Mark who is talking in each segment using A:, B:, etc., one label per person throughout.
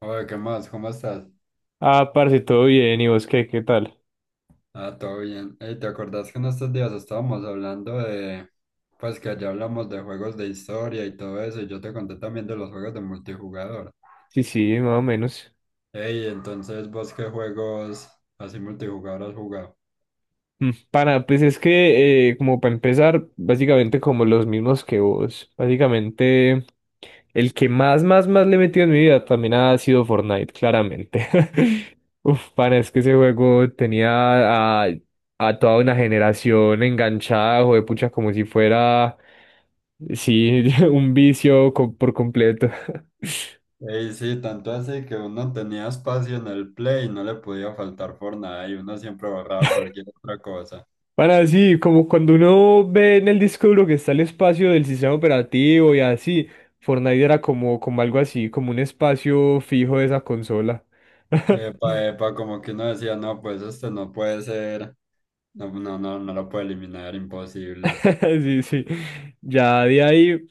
A: Oye, ¿qué más? ¿Cómo estás?
B: Ah, parce, todo bien, ¿y vos qué tal?
A: Ah, todo bien. Ey, ¿te acordás que en estos días estábamos hablando pues que allá hablamos de juegos de historia y todo eso, y yo te conté también de los juegos de multijugador?
B: Sí, sí, más o menos.
A: Ey, entonces, ¿vos qué juegos así multijugador has jugado?
B: Pana, pues es que, como para empezar, básicamente como los mismos que vos. Básicamente, el que más le he metido en mi vida también ha sido Fortnite, claramente. Uf, pana, es que ese juego tenía a, a toda una generación enganchada, de pucha, como si fuera, sí, un vicio por completo.
A: Ey, sí, tanto así que uno tenía espacio en el Play y no le podía faltar por nada y uno siempre borraba cualquier otra cosa.
B: Para así, como cuando uno ve en el disco duro que está el espacio del sistema operativo y así, Fortnite era como algo así, como un espacio fijo de esa consola.
A: Epa, epa, como que uno decía, no, pues este no puede ser, no, no, no, no lo puede eliminar, imposible.
B: Sí, sí. Ya de ahí,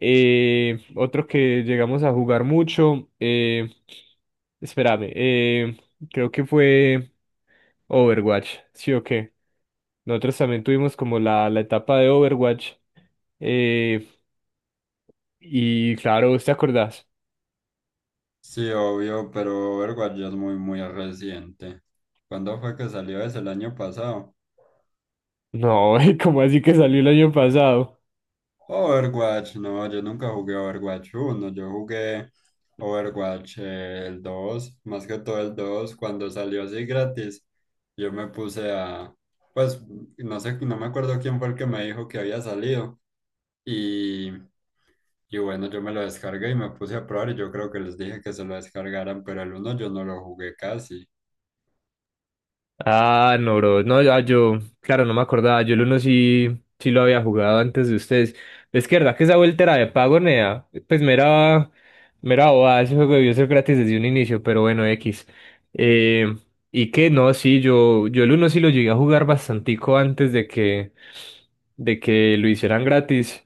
B: otro que llegamos a jugar mucho, espérame, creo que fue Overwatch, ¿sí o qué? Nosotros también tuvimos como la etapa de Overwatch. eh, y claro, ¿vos ¿te acordás?
A: Sí, obvio, pero Overwatch ya es muy, muy reciente. ¿Cuándo fue que salió ese? ¿El año pasado?
B: No, ¿cómo así que salió el año pasado?
A: Overwatch, no, yo nunca jugué Overwatch uno, yo jugué Overwatch el dos, más que todo el 2, cuando salió así gratis, yo me puse a, pues, no sé, no me acuerdo quién fue el que me dijo que había salido, y, y bueno, yo me lo descargué y me puse a probar, y yo creo que les dije que se lo descargaran, pero el uno yo no lo jugué casi.
B: Ah, no, bro. No, ya yo, claro, no me acordaba. Yo el uno sí, sí lo había jugado antes de ustedes. Es que verdad que esa vuelta era de pago, nea. Pues mera bobada, ese juego debió ser gratis desde un inicio, pero bueno, X. Eh, y que no, sí, yo el uno sí lo llegué a jugar bastantico antes de que lo hicieran gratis.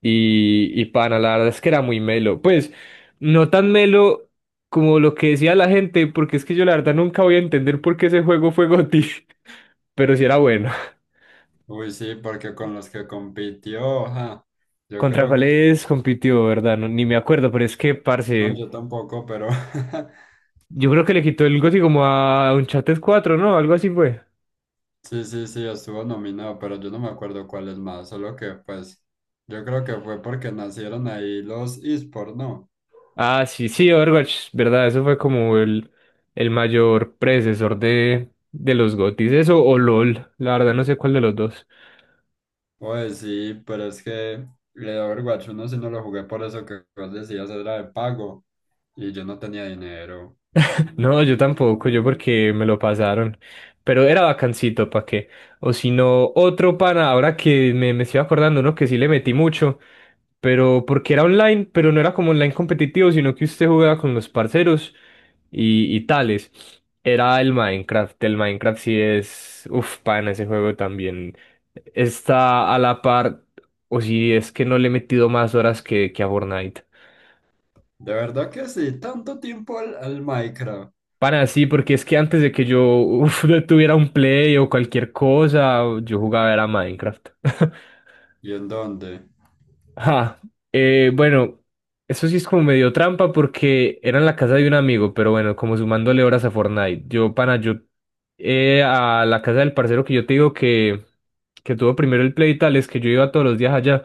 B: Y pana, la verdad es que era muy melo. Pues, no tan melo como lo que decía la gente, porque es que yo la verdad nunca voy a entender por qué ese juego fue GOTY, pero sí era bueno.
A: Uy, sí, porque con los que compitió, ajá, yo
B: ¿Contra
A: creo que,
B: cuáles compitió, verdad? No, ni me acuerdo, pero es que,
A: no,
B: parce,
A: yo tampoco, pero
B: yo creo que le quitó el GOTY como a Uncharted cuatro, ¿no? Algo así fue.
A: sí, sí, sí, estuvo nominado, pero yo no me acuerdo cuál es más, solo que pues yo creo que fue porque nacieron ahí los esports, ¿no?
B: Ah, sí, sí, Overwatch, verdad, eso fue como el mayor predecesor de los GOTYs, eso o LOL, la verdad no sé cuál de los dos.
A: Oye, sí, pero es que el Overwatch uno sí no lo jugué por eso que vos decías, era de pago y yo no tenía dinero.
B: No, yo tampoco, yo porque me lo pasaron. Pero era bacancito, ¿para qué? O si no, otro pana, ahora que me estoy acordando, uno que sí le metí mucho, pero porque era online, pero no era como online competitivo, sino que usted jugaba con los parceros y tales. Era el Minecraft sí es, uf, pana, ese juego también está a la par, o si es que no le he metido más horas que a Fortnite.
A: De verdad que sí, tanto tiempo al Minecraft.
B: Para sí, porque es que antes de que yo uf, tuviera un Play o cualquier cosa, yo jugaba era Minecraft.
A: ¿Y en dónde?
B: Ah, bueno, eso sí es como medio trampa porque era en la casa de un amigo, pero bueno, como sumándole horas a Fortnite. Yo, pana, yo a la casa del parcero que yo te digo que tuvo primero el Play y tal, es que yo iba todos los días allá.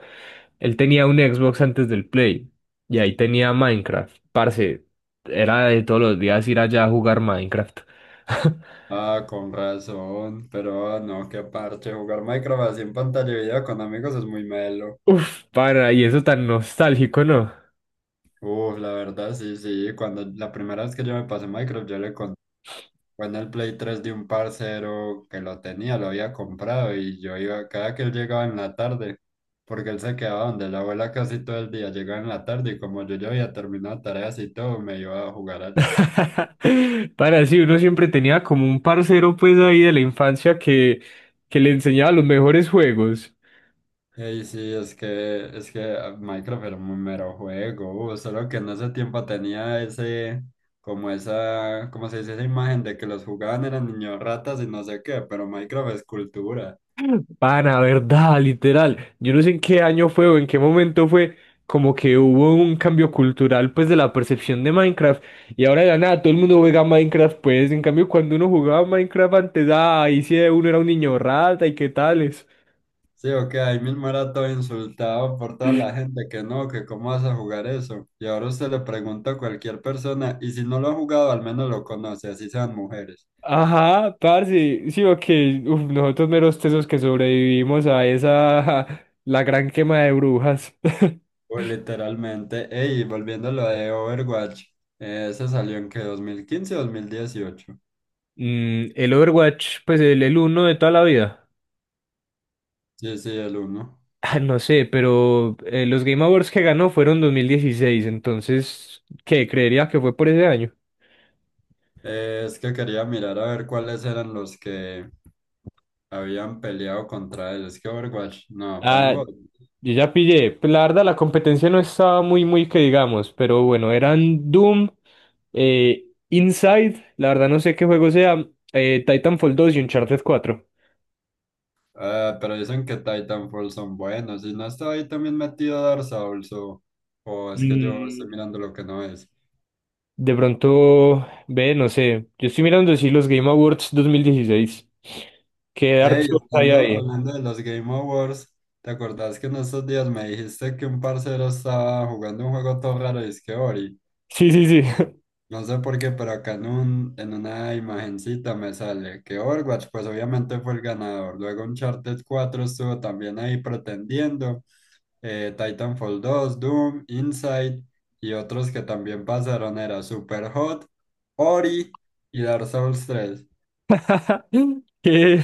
B: Él tenía un Xbox antes del Play y ahí tenía Minecraft. Parce, era de todos los días ir allá a jugar Minecraft.
A: Ah, con razón, pero ah, no, qué parche, jugar Minecraft así en pantalla de video con amigos es muy melo.
B: Uf, para, y eso tan nostálgico, ¿no?
A: Uf, la verdad, sí, sí, cuando la primera vez que yo me pasé Minecraft, yo le conté, fue en el Play 3 de un parcero que lo tenía, lo había comprado y yo iba, cada que él llegaba en la tarde, porque él se quedaba donde la abuela casi todo el día, llegaba en la tarde y como yo ya había terminado tareas y todo, me iba a jugar allá.
B: Para, sí, uno siempre tenía como un parcero pues ahí de la infancia que le enseñaba los mejores juegos.
A: Ey, sí, es que ah, Minecraft era un mero juego, solo que en ese tiempo tenía como se dice, esa imagen de que los jugaban eran niños ratas y no sé qué, pero Minecraft es cultura.
B: Para, verdad, literal. Yo no sé en qué año fue o en qué momento fue como que hubo un cambio cultural pues de la percepción de Minecraft. Y ahora de la nada todo el mundo juega Minecraft pues. En cambio, cuando uno jugaba Minecraft antes, ah, ahí sí uno era un niño rata y qué tales.
A: Sí, o que ahí mismo era todo insultado por toda la gente que no, que cómo vas a jugar eso. Y ahora usted le pregunta a cualquier persona, y si no lo ha jugado, al menos lo conoce, así sean mujeres.
B: Ajá, parce, sí, ok, uf, nosotros meros tesos que sobrevivimos a esa, la gran quema de brujas.
A: O literalmente, ey, volviendo a lo de Overwatch, ese salió en que dos mil quince, dos mil dieciocho.
B: El Overwatch, pues el uno de toda la vida.
A: Sí, sí, el uno.
B: Ah, no sé, pero los Game Awards que ganó fueron 2016, entonces, ¿qué? Creería que fue por ese año.
A: Es que quería mirar a ver cuáles eran los que habían peleado contra él. Es que Overwatch, no,
B: Ah,
A: pongo.
B: yo ya pillé. Pues la verdad, la competencia no estaba muy, muy que digamos, pero bueno, eran Doom, eh, Inside, la verdad no sé qué juego sea, Titanfall dos y Uncharted cuatro.
A: Ah, pero dicen que Titanfall son buenos. Y no está ahí también metido Dark Souls, o es que yo estoy
B: Mm,
A: mirando lo que no es.
B: De pronto, ve, no sé. Yo estoy mirando si los Game Awards 2016. ¿Qué Dark
A: Hey,
B: Souls hay
A: hablando,
B: ahí?
A: hablando de los Game Awards, ¿te acordás que en estos días me dijiste que un parcero estaba jugando un juego todo raro y es que Ori?
B: Sí, sí, sí.
A: No sé por qué, pero acá en, en una imagencita me sale que Overwatch, pues obviamente fue el ganador. Luego Uncharted cuatro estuvo también ahí pretendiendo. Eh, Titanfall dos, Doom, Inside y otros que también pasaron era Superhot, Ori y Dark Souls tres.
B: ¿Qué?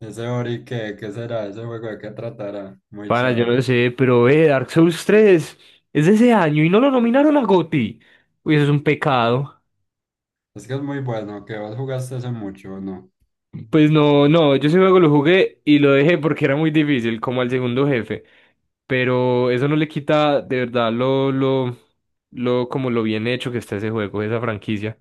A: Ese Ori, ¿qué será? ¿Ese juego de qué tratará? Muy
B: Pana, yo
A: chaval.
B: no sé, pero ve, Dark Souls tres es de ese año y no lo nominaron a GOTY. Uy, eso es un pecado.
A: Es que es muy bueno, que vos jugaste hace mucho, ¿o no?
B: Pues no, no, yo ese juego lo jugué y lo dejé porque era muy difícil, como al segundo jefe. Pero eso no le quita de verdad lo, como lo bien hecho que está ese juego, esa franquicia.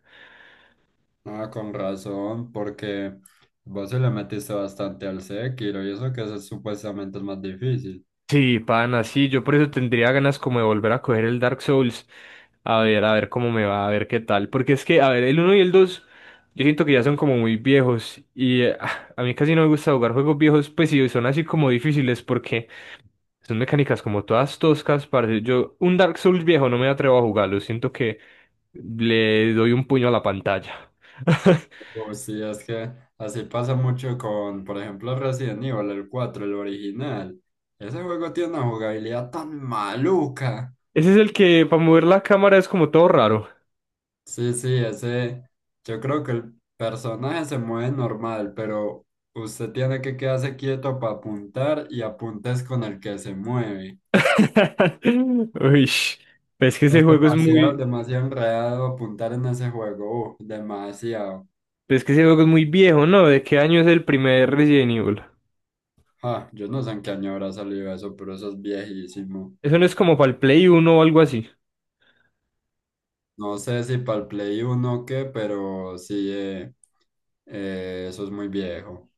A: Ah, con razón, porque vos se le metiste bastante al Sekiro y eso que es supuestamente el más difícil.
B: Sí, pana, sí, yo por eso tendría ganas como de volver a coger el Dark Souls, a ver cómo me va, a ver qué tal, porque es que, a ver, el uno y el 2, yo siento que ya son como muy viejos, y a mí casi no me gusta jugar juegos viejos, pues sí, son así como difíciles, porque son mecánicas como todas toscas, parce, un Dark Souls viejo no me atrevo a jugarlo, siento que le doy un puño a la pantalla.
A: O sí, es que así pasa mucho con, por ejemplo, Resident Evil, el cuatro, el original. Ese juego tiene una jugabilidad tan maluca.
B: Ese es el que, para mover la cámara, es como todo raro.
A: Sí, sí, ese, yo creo que el personaje se mueve normal, pero usted tiene que quedarse quieto para apuntar y apuntes con el que se mueve.
B: Uy, es que ese
A: Es
B: juego es
A: demasiado,
B: muy.
A: demasiado enredado apuntar en ese juego. Uf, demasiado.
B: Pero es que ese juego es muy viejo, ¿no? ¿De qué año es el primer Resident Evil?
A: Ah, yo no sé en qué año habrá salido eso, pero eso es viejísimo.
B: Eso no es como para el Play Uno o algo así.
A: No sé si para el Play uno o qué, pero sí, eso es muy viejo.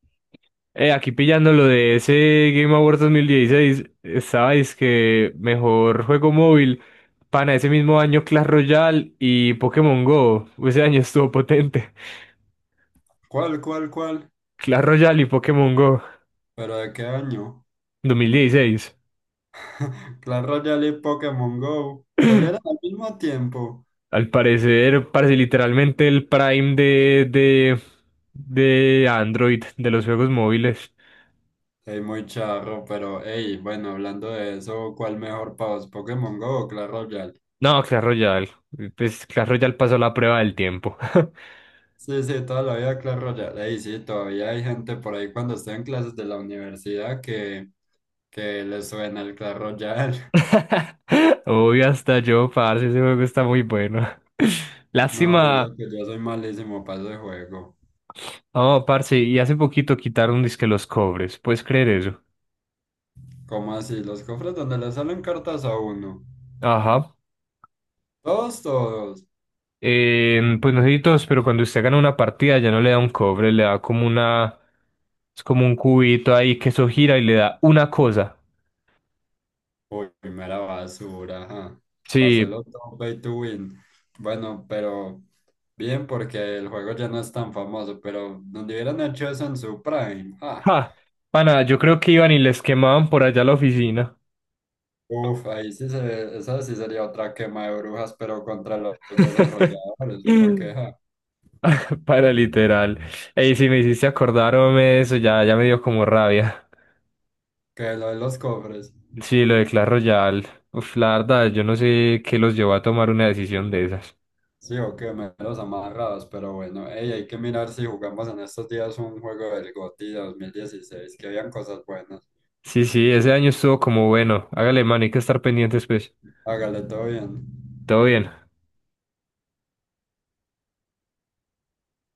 B: Aquí pillando lo de ese Game Awards 2016, estaba que mejor juego móvil. Pana, ese mismo año Clash Royale y Pokémon Go. Ese año estuvo potente.
A: ¿Cuál, cuál, cuál?
B: Clash Royale y Pokémon Go
A: ¿Pero de qué año?
B: 2016.
A: Clash Royale y Pokémon Go salieron al mismo tiempo.
B: Al parecer, parece literalmente el prime de Android, de los juegos móviles.
A: Es muy charro, pero hey, bueno, hablando de eso, ¿cuál mejor para vos, Pokémon Go o Clash Royale?
B: No, Clash Royale. Pues Clash Royale pasó la prueba del tiempo.
A: Sí, sí, toda la vida Clash Royale. Y sí, todavía hay gente por ahí cuando está en clases de la universidad que le suena el Clash Royale.
B: Uy, hasta yo, parce, ese juego está muy bueno.
A: No, y
B: Lástima.
A: eso que yo soy malísimo para ese juego.
B: Oh, parce, y hace poquito quitaron disque los cobres. ¿Puedes creer eso?
A: ¿Cómo así? Los cofres donde le salen cartas a uno.
B: Ajá.
A: Todos, todos.
B: Pues no sé si todos, pero cuando usted gana una partida ya no le da un cobre, le da como una. Es como un cubito ahí que eso gira y le da una cosa.
A: Uy, primera basura, ajá.
B: Sí.
A: Paselo todo pay to win. Bueno, pero bien, porque el juego ya no es tan famoso, pero donde hubieran hecho eso en su prime. Ah,
B: Ja. Pana, yo creo que iban y les quemaban por allá la oficina.
A: uf, ahí sí se, esa sí sería otra quema de brujas, pero contra los desarrolladores, porque ja,
B: Para literal. Ey, si me hiciste acordarme de eso, ya, ya me dio como rabia.
A: que lo de los cofres,
B: Sí, lo de Clash Royale. Uf, la verdad, yo no sé qué los llevó a tomar una decisión de esas.
A: sí, o que me los amarrados, pero bueno, ey, hay que mirar si jugamos en estos días un juego del GOTY 2016, que habían cosas buenas.
B: Sí, sí, ese año estuvo como bueno. Hágale, mano, hay que estar pendientes, pues.
A: Hágale todo bien.
B: Todo bien.